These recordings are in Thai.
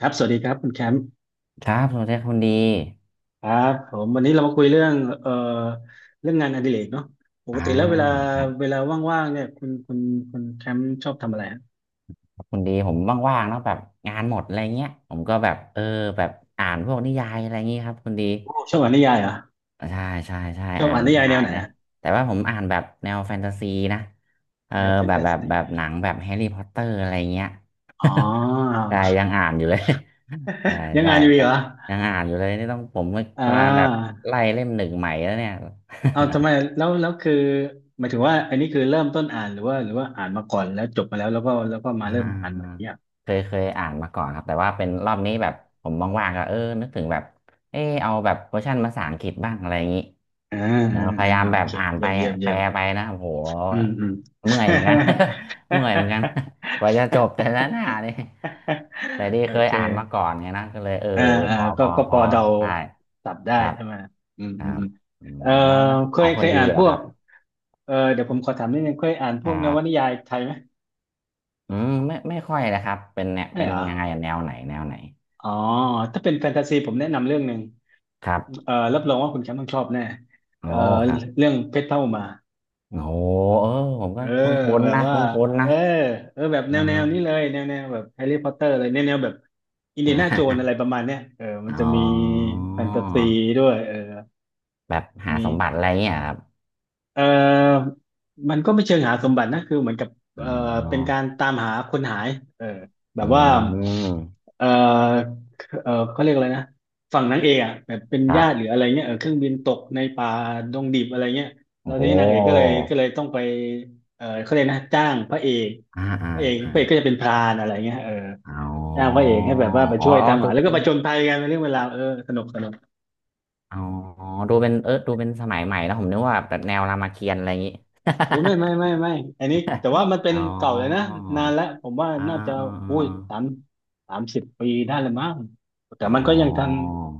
ครับสวัสดีครับคุณแคมป์ครับสวัสดีครับคุณดีครับผมวันนี้เรามาคุยเรื่องเอ่อเรื่องงานอดิเรกเนาะปกอ่ติแล้วเวลาาเวลาว่างๆเนี่ยคุณคุณแคมป์ชอบทำอะไรฮะครับคุณดีผมว่างๆเนาะแบบงานหมดอะไรเงี้ยผมก็แบบแบบอ่านพวกนิยายอะไรเงี้ยครับคุณดีโอ้ชอบอ่านนิยายเหรอใช่ใช่ใช่ชอบอ่านอ่านนินิยายยาแนวยไหนนะอะแต่ว่าผมอ่านแบบแนวแฟนตาซีนะเออแนวแฟนแบบตาแบบซีแบบอะอหนังแบบแฮร์รี่พอตเตอร์อะไรเงี้ย ๋อ ได้ยังอ่านอยู่เลย ใช่ ยังใช่งานอยู่เหกะรอยังอ่านอยู่เลยนี่ต้องผมอ่กำลังแบบาไล่เล่มหนึ่งใหม่แล้วเนี่ย เอาทำไมแล้วคือหมายถึงว่าอันนี้คือเริ่มต้นอ่านหรือว่าอ่านมาก่อนแล้วจบมาแล้วแล้วก็มาอ่าเริ่มอ่าอ่านใหม่เนี่ยเคยอ่านมาก่อนครับแต่ว่าเป็นรอบนี้แบบผมว่างๆก็นึกถึงแบบเอาแบบเวอร์ชันภาษาอังกฤษบ้างอะไรอย่างนี้อ่าอ่ามพยายามอ่าโอแบบเคอ่านไปเยี่ยมเยี่ยมแปเยี่ยลม ไปนะโอ้โหอืมอืม เมื่อยเหมือนกัน เมื่อยเหมือนกันกว่าจะจบแต่ละหน้านี่แต่ ที่โอเคยอ่านมาเคก่อนไงนะก็เลยอ่าอ่าพอก็พอก็พพออเดาได้สับได้ครับใช่ไหมอืมคอืรัมบอืมอืมเออแล้วแล้วเคขอยงคเคนยดีอ่านเหรพอวคกรับเออเดี๋ยวผมขอถามนิดนึงเคยอ่านพควรักนวนิบยายไทยไหมอืมไม่ไม่ค่อยนะครับเป็นเนี่ยไม่เป็นเหรอยังไงอะแนวไหนแนวไหนอ๋อถ้าเป็นแฟนตาซีผมแนะนำเรื่องหนึ่งครัเอบ อรับรองว่าคุณแชมป์ต้องชอบแน่โอ้เออครับ เรื่องเพชรเท่าอุมา โอ้เออผมเอก็อคุ้นแบๆบนะว่าคุ้นๆเอนะอเออแบบแนอ่วแนวนี้า เลยแนวแนวแบบแฮร์รี่พอตเตอร์เลยแนวแนวแบบอินเดียนาโจน อะไรประมาณเนี้ยเออมัอ๋นจะมีอแฟนตาซีด้วยเออแบบหามีสมบัติอะไรเงี้ยครับเออมันก็ไม่เชิงหาสมบัตินะคือเหมือนกับเอออ๋เป็นกาอรตามหาคนหายเออแบอืบว่ามเออเออเขาเรียกอะไรนะฝั่งนางเอกอ่ะแบบเป็นครัญาติหรือบ อะไรเงี้ยเออเครื่องบินตกในป่าดงดิบอะไรเงี้ยแล้วทีโอ้นี้นางเอกก็เลยต้องไปเออเขาเรียกนะจ้างพระเอก อ่าอ่าพระเอกอ่าพระเอกก็จะเป็นพรานอะไรเงี้ยเอออ๋จ้างพอระเออ๋อกให้แบบว่าไปอ๋อช่วยตามดูหาแล้วก็เป็ปนระจนภัยกันเป็นเรื่องเวลาวเออสนุกสนุกอ๋อดูเป็นดูเป็นสมัยใหม่แล้วผมนึกว่าแบบแนวรามเกียรติ์อะไรอย่างงี้ โอ้ยไม่ไม่ไม่ไม่อันนี้แต่ว่ามันเป็ อ๋นอเก่าเลยนะนานแล้วผมว่าอ่าน่าจะอ่าอุ้ยอาสาม30 ปีได้เลยมั้งแต่อ๋มันก็ยังทันอ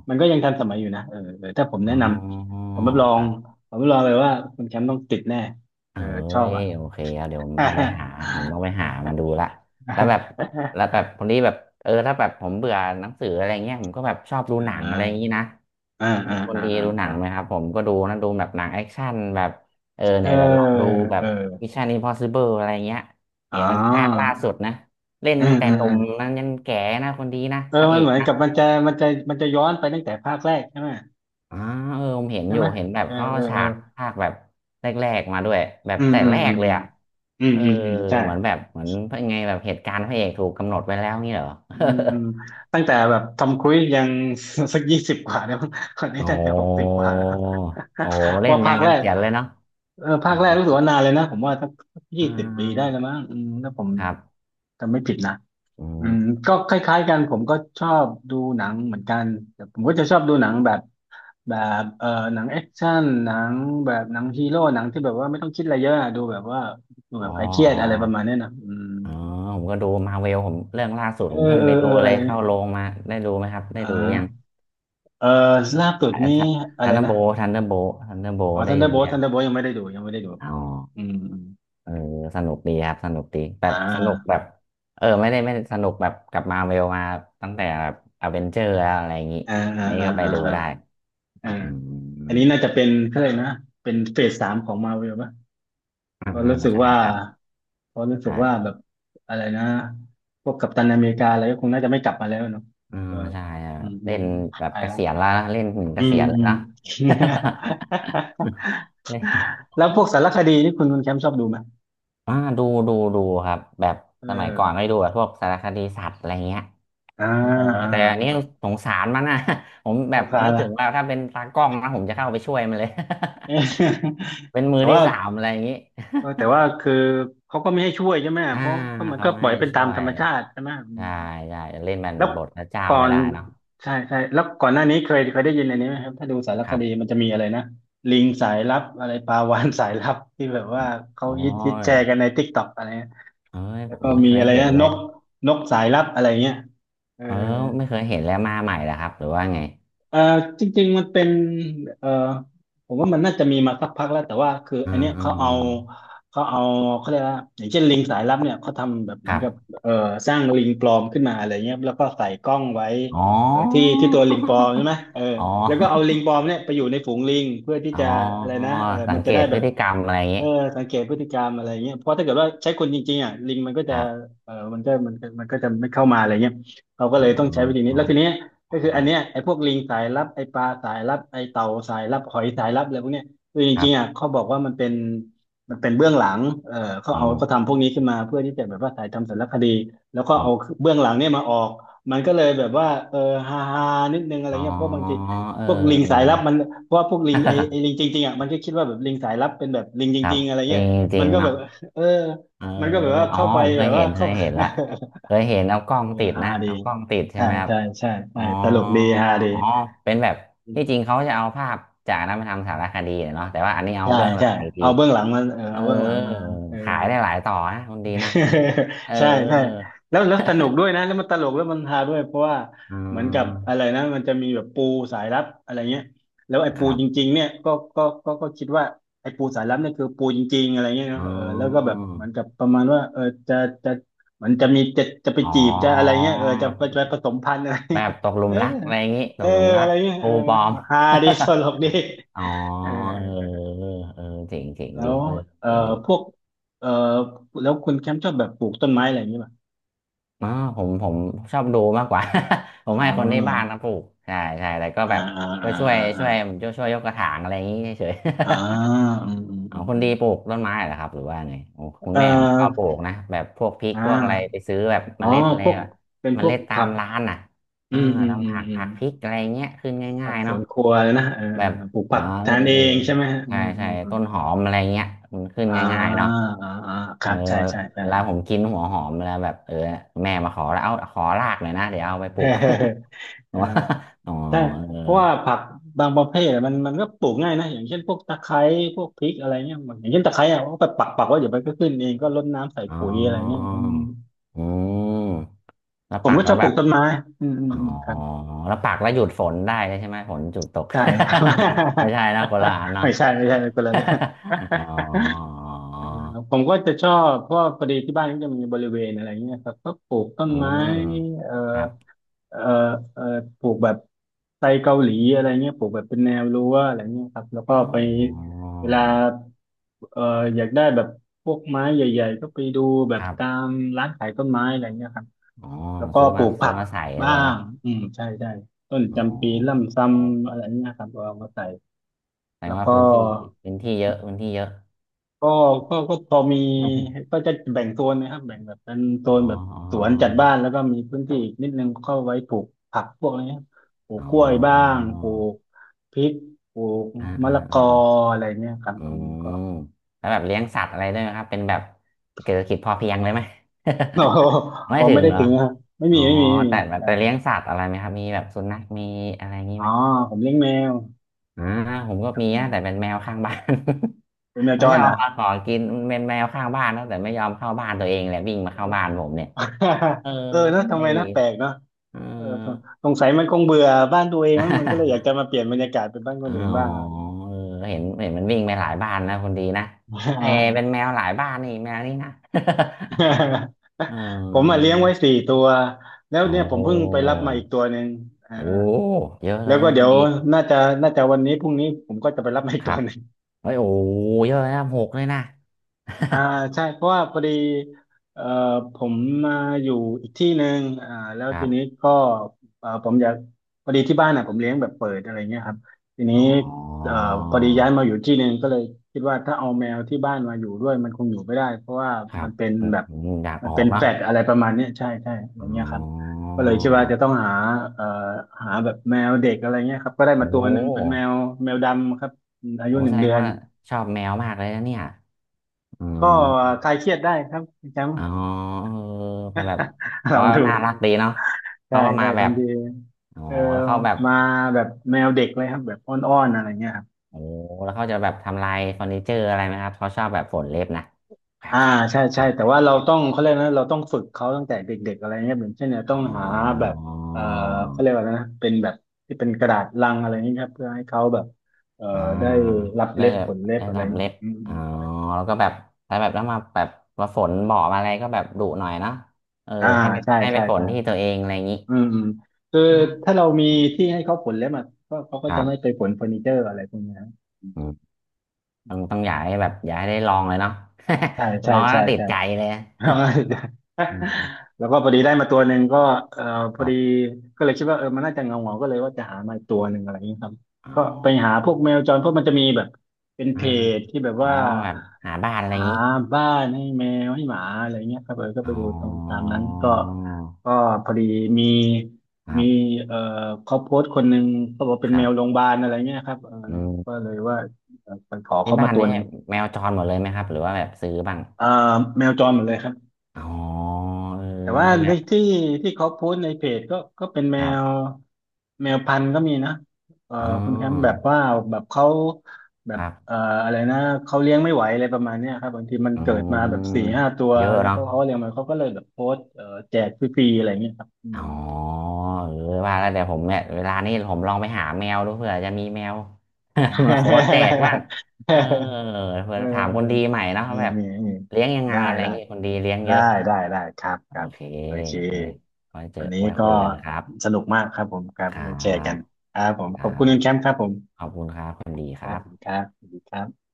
มันก็ยังทันสมัยอยู่นะเออเออถ้าผมอ๋แนะอนอ๋อำผมรับรอคงรับ ผมรับรองเลยว่าคุณแชมป์ต้องติดแน่เอเอ้อชอบยอ่ะ โอเคอรเดี๋ยวผมต้องไปหา ผมต้องไปหามาดูละแล้วแบบแล้วแบบคนนี้แบบถ้าแบบผมเบื่อหนังสืออะไรเงี้ยผมก็แบบชอบดูอ่หนังอะไรอย่างนี้านะอ่าอ่าคนอ่าดีอดูหนั่างไหมครับผมก็ดูนะดูแบบหนังแอคชั่นแบบเออเนี่ยเดี๋ยวลองดูแบเอบ อ Mission Impossible อะไรเงี้ยอ๋เห็อนมันภาคล่าสุดนะเล่นอืมตั้งแต่อืหม นุ่มนั้นยันแก่นะคนดีนะเออพระเอมันก เหมือนกับมันจะย้อนไปตั้งแต่ภาคแรกใช่ไหมอ่าผมเห็นใช่อไหยู่มเห็นแบบเออเขาเอเอาอเอฉาอกภาคแบบแรกๆมาด้วยแบบอืมแต่อืมแรอืกมเลอืยมอ่ะอืมเอออืมอืมใช่เหมือนยังไงแบบเหตุการณ์พระเอกถูกกำหนดไว้แล้วงี้เหรอ อืมอืมตั้งแต่แบบทำครุยยัง สัก20 กว่าแล้ว มั้งคน นี้โอ้ น่าจะ60 กว่าแล้ว โอ้ เล่นว่ายัภานคแรกันกเสียนเลยเนาะเอออืภาคแรกรู้สึกมว่านานเลยนะผมว่าสักอ่20 ปีได้าแล้วมั้งอืมถ้าผมครับจำไม่ผิดนะอือืมมก็คล้ายๆกันผมก็ชอบดูหนังเหมือนกันแต่ผมก็จะชอบดูหนังแบบ แบบเออหนังแอคชั่นหนังแบบหนังฮีโร่หนังที่แบบว่าไม่ต้องคิดอะไรเยอะอะดูแบบว่าดูอ๋แบอบคลายเครียดอะไรประมาณเนี้ยนะอืมอ๋ออ๋อผมก็ดูมาเวลผมเรื่องล่าสุดเอผมอเพิ่งเอไปอเอดูออะเลไรยเงี้เข้ายโรงมาได้ดูไหมครับได้อ่ดูยังาเออล่าสุดนี่อะทัไรนเดอร์นะโบทันเดอร์โบทันเดอร์โบอ๋อได้ทันเดอร์ดูโบลยัทังนเดอร์โบลยังไม่ได้ดูยังไม่ได้ดูอ๋อ อืมอืมเออสนุกดีครับสนุกดีแบอ่บสนุกแบาบไม่ได้สนุกแบบกับมาเวลมาตั้งแต่แบบอเวนเจอร์แล้วอะไรอย่างนี้อ่าอัอ่านนี้อ่าก็ไปอ่ดูได้าอ่าอือันมนี้น่าจะเป็นเขาเลยกนะเป็นเฟสสามของมาเวล อ่าเพราะรู้สึกใช่ว่าครับเพราะรู้สึกว่าแบใช่บอะไรนะพวกกัปตันอเมริกาอะไรก็คงน่าจะไม่กลับมาแล้วเนาะอืเอมอใช่ครับอืมอืเล่มนแบบไปเกแล้วษียณแล้วนะเล่นถึงเกอืษีมยณเลอืยม นะ เล่น แล้วพวกสารคดีนี่คุณแคมป์ชอบดูไหมอ่าดูครับแบบเออสมัยก่อนก็ได้ดูแบบพวกสารคดีสัตว์อะไรเงี้ย อ่าเอออ่าแต่อันนี้อ่าสงสารมันนะ ผมสแบบงสารนึกถึนะงว่าถ้าเป็นตากล้องนะผมจะเข้าไปช่วยมันเลย เออ เป็น มือแต่ที่ว่าสามอะไรอย่างนี้ เออแต่ว่าคือเขาก็ไม่ให้ช่วยใช่ไหม อ่าเพราะมันเขาก็ไม่ปล่อยให้เป็นตาช่มวธรยรมชาติใช่ไหม ได้ได้เล่นมันแล้วบทพระเจ้าก่อไม่นได้เนาะใช่ใช่แล้วก่อนหน้านี้เคยเคยได้ยินอันนี้ไหมครับถ้าดูสารคครับดีมันจะมีอะไรนะลิงสายลับอะไรปลาวาฬสายลับ ที่แบบอืว่ามเขาโอ้ฮิตแชยร์กันในติ๊กต็อกอะไรเงี้ยเอ้ยแล้ผวมก็ไม่มีเคยอะไรเห็นนะเลนยกนกสายลับอะไรเงี้ยเออ เออไม่เคยเห็นแล้วมาใหม่เหรอครับหรือว่าไงเอ่อจริงๆมันเป็นเอ่อผมว่ามันน่าจะมีมาสักพักแล้วแต่ว่าคืออือันมเนี้ยอืเขามเอาอืมเขาเอาเขาเรียกว่าอย่างเช่นลิงสายลับเนี่ยเขาทำแบบเหคมือนรักับบเอ่อสร้างลิงปลอมขึ้นมาอะไรเงี้ยแล้วก็ใส่กล้องไว้อ๋ที่อ ที่ตัวลิงปลอมใช่ไหมเออ อ๋อแล้วก็เอาลิงปลอมเนี่ยไปอยู่ในฝูงลิงเพื่อที่อ๋อจะอะไรนะเออสัมังนเกจะได้ตพแบฤบ ติกรรมอะไรอย่างเอนี้อสังเกตพฤติกรรมอะไรเงี้ยเพราะถ้าเกิดว่าใช้คนจริงๆอ่ะลิงมันก็คจะรับมันก็จะไม่เข้ามาอะไรเงี้ยเราก็อืเลยต้องม ใช้วิธีอนี้แล้วทีเนี้ยก็คือ๋ออันเนี้ยไอ้พวกลิงสายลับไอ้ปลาสายลับไอ้เต่าสายลับหอยสายลับอะไรพวกเนี้ยคือจครัริงๆอ่ะบเขาบอกว่ามันเป็นเบื้องหลังเอออืเขามทำพวกนี้ขึ้นมาเพื่อที่จะแบบว่าถ่ายทำสารคดีแล้วก็อมเอาเบื้องหลังเนี่ยมาออกมันก็เลยแบบว่าฮาฮานิดนึงอะไรอ๋อเงี้ยเพราะบางทีเออ พวกลิงสายลับมัน เพราะว่าพวกลิงไอไอลิงจ ริงๆอ่ะมันก็คิดว่าแบบลิงสายลับเป็นแบบลิงจครัริบงๆอะไรจเงี้ริยงจริมันงก็แบเนาะบเออเออมันก็แบบว่าอ๋อเข้าไปผมเคแบยบเห็ว่านเคเข้า ยเห็นละเคยเห็นเอากล้อ งติดฮานะดีเอากล้องติดใช่ใช่ไหมครับใช่ใช่ใช่อ๋อตลกดีฮาดีอ๋อเป็นแบบที่จริงเขาจะเอาภาพจากนั้นมาทำสารคดีเนาะแต่ว่าอันนี้เอาใช่เบื้องหลัใช่งอีกทีเอาเบื้องหลังมาเออเอาเบื้องหลังมาเออ ขายได้หลายต่อนะคนดีนะเอ อใช่ใช่แล้วสนุกด้วยนะแล้วมันตลกแล้วมันฮาด้วยเพราะว่าอืเหมือนกับอะมไรนะมันจะมีแบบปูสายลับอะไรเงี้ยแล้วไอ้คปูรัจบริงๆเนี่ยก็คิดว่าไอ้ปูสายลับเนี่ยคือปูจริงๆอะไรเงี้ยเนอ๋อะอเออแล้วก็แบบเหมือนกับประมาณว่าเออจะจะเหมือนจะมีจะไปอ๋อ จีบจะอะไรเงี้ยเออจะไปผสมพันธุ์อะไรแบเงี้ย บตกห ลุเอมอรักอะไรอย่างงี้ตเออกหลุมรัอะกไรเงี้ยคเอรูอปลอม ฮาดีตลกดี อ๋อเออเออเออเจ๋งเจ๋งแล้ดีวเอ่อเห็นอยู่ พวกเอ่อแล้วคุณแคมป์ชอบแบบปลูกต้นไม้อะไรอย่างเงี้ย อ๋อผมผมชอบดูมากกว่า ผมอ๋ให้คนที่บ้านอนะปลูกใช่ใช่แต่ก็อ่าแบบอ่าก็อ่าช่วยอ่าช่วยผมช่วยยกกระถางอะไรอย่างนี้เฉยอ่าๆ อ่าอืมอืม อ๋ออืมคนอืมดีปลูกต้นไม้เหรอครับหรือว่าไงโอ้คุณเอ่อแม่ผมชอบปลูกนะแบบพวกพริกอ่พวกอะไรไปาซื้อแบบอ๋เมอล็ดอะไรพวกอะเป็นเมพวกล็ดตาผัมกร้านอ่ะอือ่ามอืมอืทำมผักอืมผักพริกอะไรเงี้ยขึ้นผัง่ากยๆสเนาะวนครัวเลยนะเอแบอบปลูกอ๋อผักเอทาอนเอเออ งใช่ไหมฮะใช่อืมอืใช่มอืมต้นหอมอะไรเงี้ยมันขึ้นอ่าง่ายๆเนาะอ่าอ่าคเอรัอบใช่ใช่ใช่ เวลาผมกินหัวหอมเวลาแบบแม่มาขอแล้วเอาขอรากหน่อยนะเดี๋ยวเอาไปป ลูเก ออเออ อ๋อใช่เออเพราะว่าผักบางประเภทอะมันก็ปลูกง่ายนะอย่างเช่นพวกตะไคร้พวกพริกอะไรเงี้ยอย่างเช่นตะไคร้อะก็ไปปักไว่าเดี๋ยวมันก็ขึ้นเองก็รดน้ำใส่อ๋ปุ๋ยอะไรเงี้ยออืมแล้วผมปักก็ชแล้อวบปแบลูบกต้นไม้อืมอืมอ๋ออืมครับแล้วปักแล้วหยุดฝนได้เลยใช่ไหมฝนหยุดตก ใช่ ไม่ใช่นะคนละอัน เนาะ ไม่ใช่ไม่ใช่คนละเรื่อง อ๋อ อ่าผมก็จะชอบเพราะว่าพอดีที่บ้านก็จะมีบริเวณอะไรเงี้ยครับก็ปลูกต้นอืไม้มเอ่อครับเอ่อเอ่อปลูกแบบไทรเกาหลีอะไรเงี้ยปลูกแบบเป็นแนวรั้วอะไรเงี้ยครับแล้วก็อ๋ไปอเวลาเอ่ออยากได้แบบพวกไม้ใหญ่ๆก็ไปดูแบคบรัตาบ มร้านขายต้นไม้อะไรเงี้ยครับ อ๋อแล้วก็ซื้อปลูมากซื้ผัอกมาใส่บ้าเลยเนาะงอืมใช่ใช่ต้นอ๋อจำปีล่ำซำอะไรเงี้ยครับเราเอามาใส่แสดงแล้วว่าก็พื้นที่พื้นที่เยอะพื้นที่เยอะ ก็ก็พอมี ก็จะแบ่งโซนนะครับแบ่งแบบเป็นโซอ๋อนแบบอ๋อสวนจัดบ้านแล้วก็มีพื้นที่อีกนิดนึงเข้าไว้ปลูกผักพวกนี้ครับปลูกอ๋อกล้วยบ้างปลูกพริกปลูกอ่ามะอ่าละกออ่าอะไรเนี่ยครับอือืมก็ มแล้วแบบเลี้ยงสัตว์อะไรด้วยไหมครับเป็นแบบเศรษฐกิจพอเพียงเลยไหม อ ไม่อ๋อถึไม่งได้เหรอถึงนะครับอ๋อไม่มีแต่แต่เลี้ยงสัตว์อะไรไหมครับมีแบบสุนัขมีอะไรงี้อ๋อไหม ผมเลี้ยงแมวอ่าผมก็ับมีเลี้ยงนะแมแต่วเป็นแมวข้างบ้าน เป็นแมว มัจนชรอเหรบอ มาขอกินมันเป็นแมวข้างบ้านนะแต่ไม่ยอมเข้าบ้านตัวเองเลยวิ่งมาเข้าบ้านผมเนี่ย เออเออนะทำไอ้ไมนะแปลกเนาะเอเอออ สงสัยมันคงเบื่อบ้านตัวเองมั้งมันก็เลยอยาก จะมาเปลี่ยนบรรยากาศเป็นบ้านคอ๋นออื่นบ้างอะไรอย่างเงี้ย เออเห็นเห็นมันวิ่งไปหลายบ้านนะคนดีนะ เออเป็นอ่า แมวหลายบ้านนี่แมวนี่นะ เ ผมมาออเลี้ยงไว้4 ตัวแล้วเอาเนี่ยผมเพิ่งไปรับมาอีกตัวหนึ่งอ่าโอ้เยอะเลแล้ยวก็นะคเดี๋นยวดีน่าจะน่าจะวันนี้พรุ่งนี้ผมก็จะไปรับมาอีกคตัรัวบหนึ่ง เฮ้ยโอ้เยอะนะหกเลยนะ อ่าใช่เพราะว่าพอดีเอ่อผมมาอยู่อีกที่หนึ่งอ่าแล้ว ครัทีนี้บก็ผมอยากพอดีที่บ้านน่ะผมเลี้ยงแบบเปิดอะไรเงี้ยครับทีนี้อ๋อ เอ่อพอดีย้ายมาอยู่ที่หนึ่งก็เลยคิดว่าถ้าเอาแมวที่บ้านมาอยู่ด้วยมันคงอยู่ไม่ได้เพราะว่าครัมับนเป็นอืมแบบอมอยากมัอนอเป็กนแฟเนาะลตอะไรประมาณเนี้ยใช่ใช่อะไรอ๋เงี้ยครับอก็เลยคิดว่าจะต้องหาเอ่อหาแบบแมวเด็กอะไรเงี้ยครับก็ได้มาโอ้ตัวหนึ่งเป็นแมวแมวดำครับอาโอ้ยุหนึ่แสงดเดืงอนว่าชอบแมวมากเลยนะเนี่ยอืก็มคลายเครียดได้ครับคุณแชมป์ อ๋อเออแบบแบบ ลอเขางก็ดูน่ารักดีเนาะใช่เขาก็ใช่มาแบบางบทีอ๋อเออแล้วเขาแบบมาแบบแมวเด็กเลยครับแบบอ้อนๆอะไรเงี้ยครับโอ้แล้วเขาจะแบบทำลายเฟอร์นิเจอร์อะไรไหมครับเขาชอบแบบฝนเล็บนะแกรอ่ากแกรกแกรใช่กแกใช่แต่รกว่าเราต้องเขาเรียกนะเราต้องฝึกเขาตั้งแต่เด็กๆอะไรเงี้ยเหมือนเช่นเนี่ยต้ออ๋งอ หาแบบเออเขาเรียกว่านะเป็นแบบที่เป็นกระดาษลังอะไรเงี้ยครับเพื่อให้เขาแบบเอออ่าได้รับได้เล็บแบผบลเล็บได้อะไรรับเงี้เล็ยบอืมอ๋อแล้วก็แบบถ้าแบบแล้วมาแบบมาฝนบอมาอะไรก็แบบดุหน่อยเนาะเออๆอ่าให้ไปใช่ให้ไปใช่ฝนใช่ที่ตัวเองอะไรอย่างนี้อืมอืมคืออ๋อถ้าเรามีอืมที่ให้เขาผลเล็บม่ะก็เขาก็คจะรัไม่ไปบผลเฟอร์นิเจอร์อะไรพวกเนี้ยอืมต้องอยากให้แบบอยากให้ได้ลองเลยเนาะ ใช่ ลใช่องแล้วใช่ติดใช่ ใจเลย อืมแล้วก็พอดีได้มาตัวหนึ่งก็เออพคอรัดีบก็เลยคิดว่าเออมันน่าจะเงาก็เลยว่าจะหามาอีกตัวหนึ่งอะไรอย่างนี้ครับอ๋ก็ไปอหาพวกแมวจรพวกมันจะมีแบบเป็นอ่าเพจที่แบบอ๋อว่าแบบหาบ้านอะไรอหาย่างนี้บ้านให้แมวให้หมาอะไรเงี้ยครับเออก็อ๋ไปอดูตรงตามนั้นก็ก็พอดีมีคมีรับเอ่อเขาโพสต์คนหนึ่งเขาบอกเป็คนแมรัวโรงบพยาบาลอะไรเงี้ยครับเอออืก็มเลยว่าเออไปขอที่เขาบ้ามานตัวนี่หนึ่งแมวจรหมดเลยไหมครับหรือว่าแบบซื้อบ้าง เอ่อแมวจรหมดเลยครับ อ๋อเออแต่ว่าบางทีแบในบที่ที่เขาโพสต์ในเพจก็ก็เป็นแมครัวบแมวพันธุ์ก็มีนะเอ่ออ๋อคุณแชมป์แบบว่าแบบเขาแบคบรับอะไรนะเขาเลี้ยงไม่ไหวอะไรประมาณเนี้ยครับบางทีมันอืเกิดมาแบบสี่มห้าตัวเยอะแล้วเนาะก็เขาเลี้ยงมันเขาก็เลยแบบโพสต์แจกฟรีๆอะไรเงี้ยครับอืม อ๋อเออว่าแล้วเดี๋ยวผมเนี่ยเวลานี้ผมลองไปหาแมวดูเผื่อจะมีแมว มาโฟดแดกบ้างเออ เผื่เอถามคนดีออใหม่เนาะว่านี่แบบนี่นี่เลี้ยงยังไงได้อะไรได้เงี้ยคนดีเลี้ยงเยได้อะได้ครับคโอรับเคโอเคโอเคไว้เจอวันนี้ไว้ก็คุยกันครับสนุกมากครับผมครับครัเราแชร์กัน บครับผมคขรัอบคุณคุบณแคมป์ครับผมขอบคุณครับคนดีคครัรับบผมครับสวัสดีครับ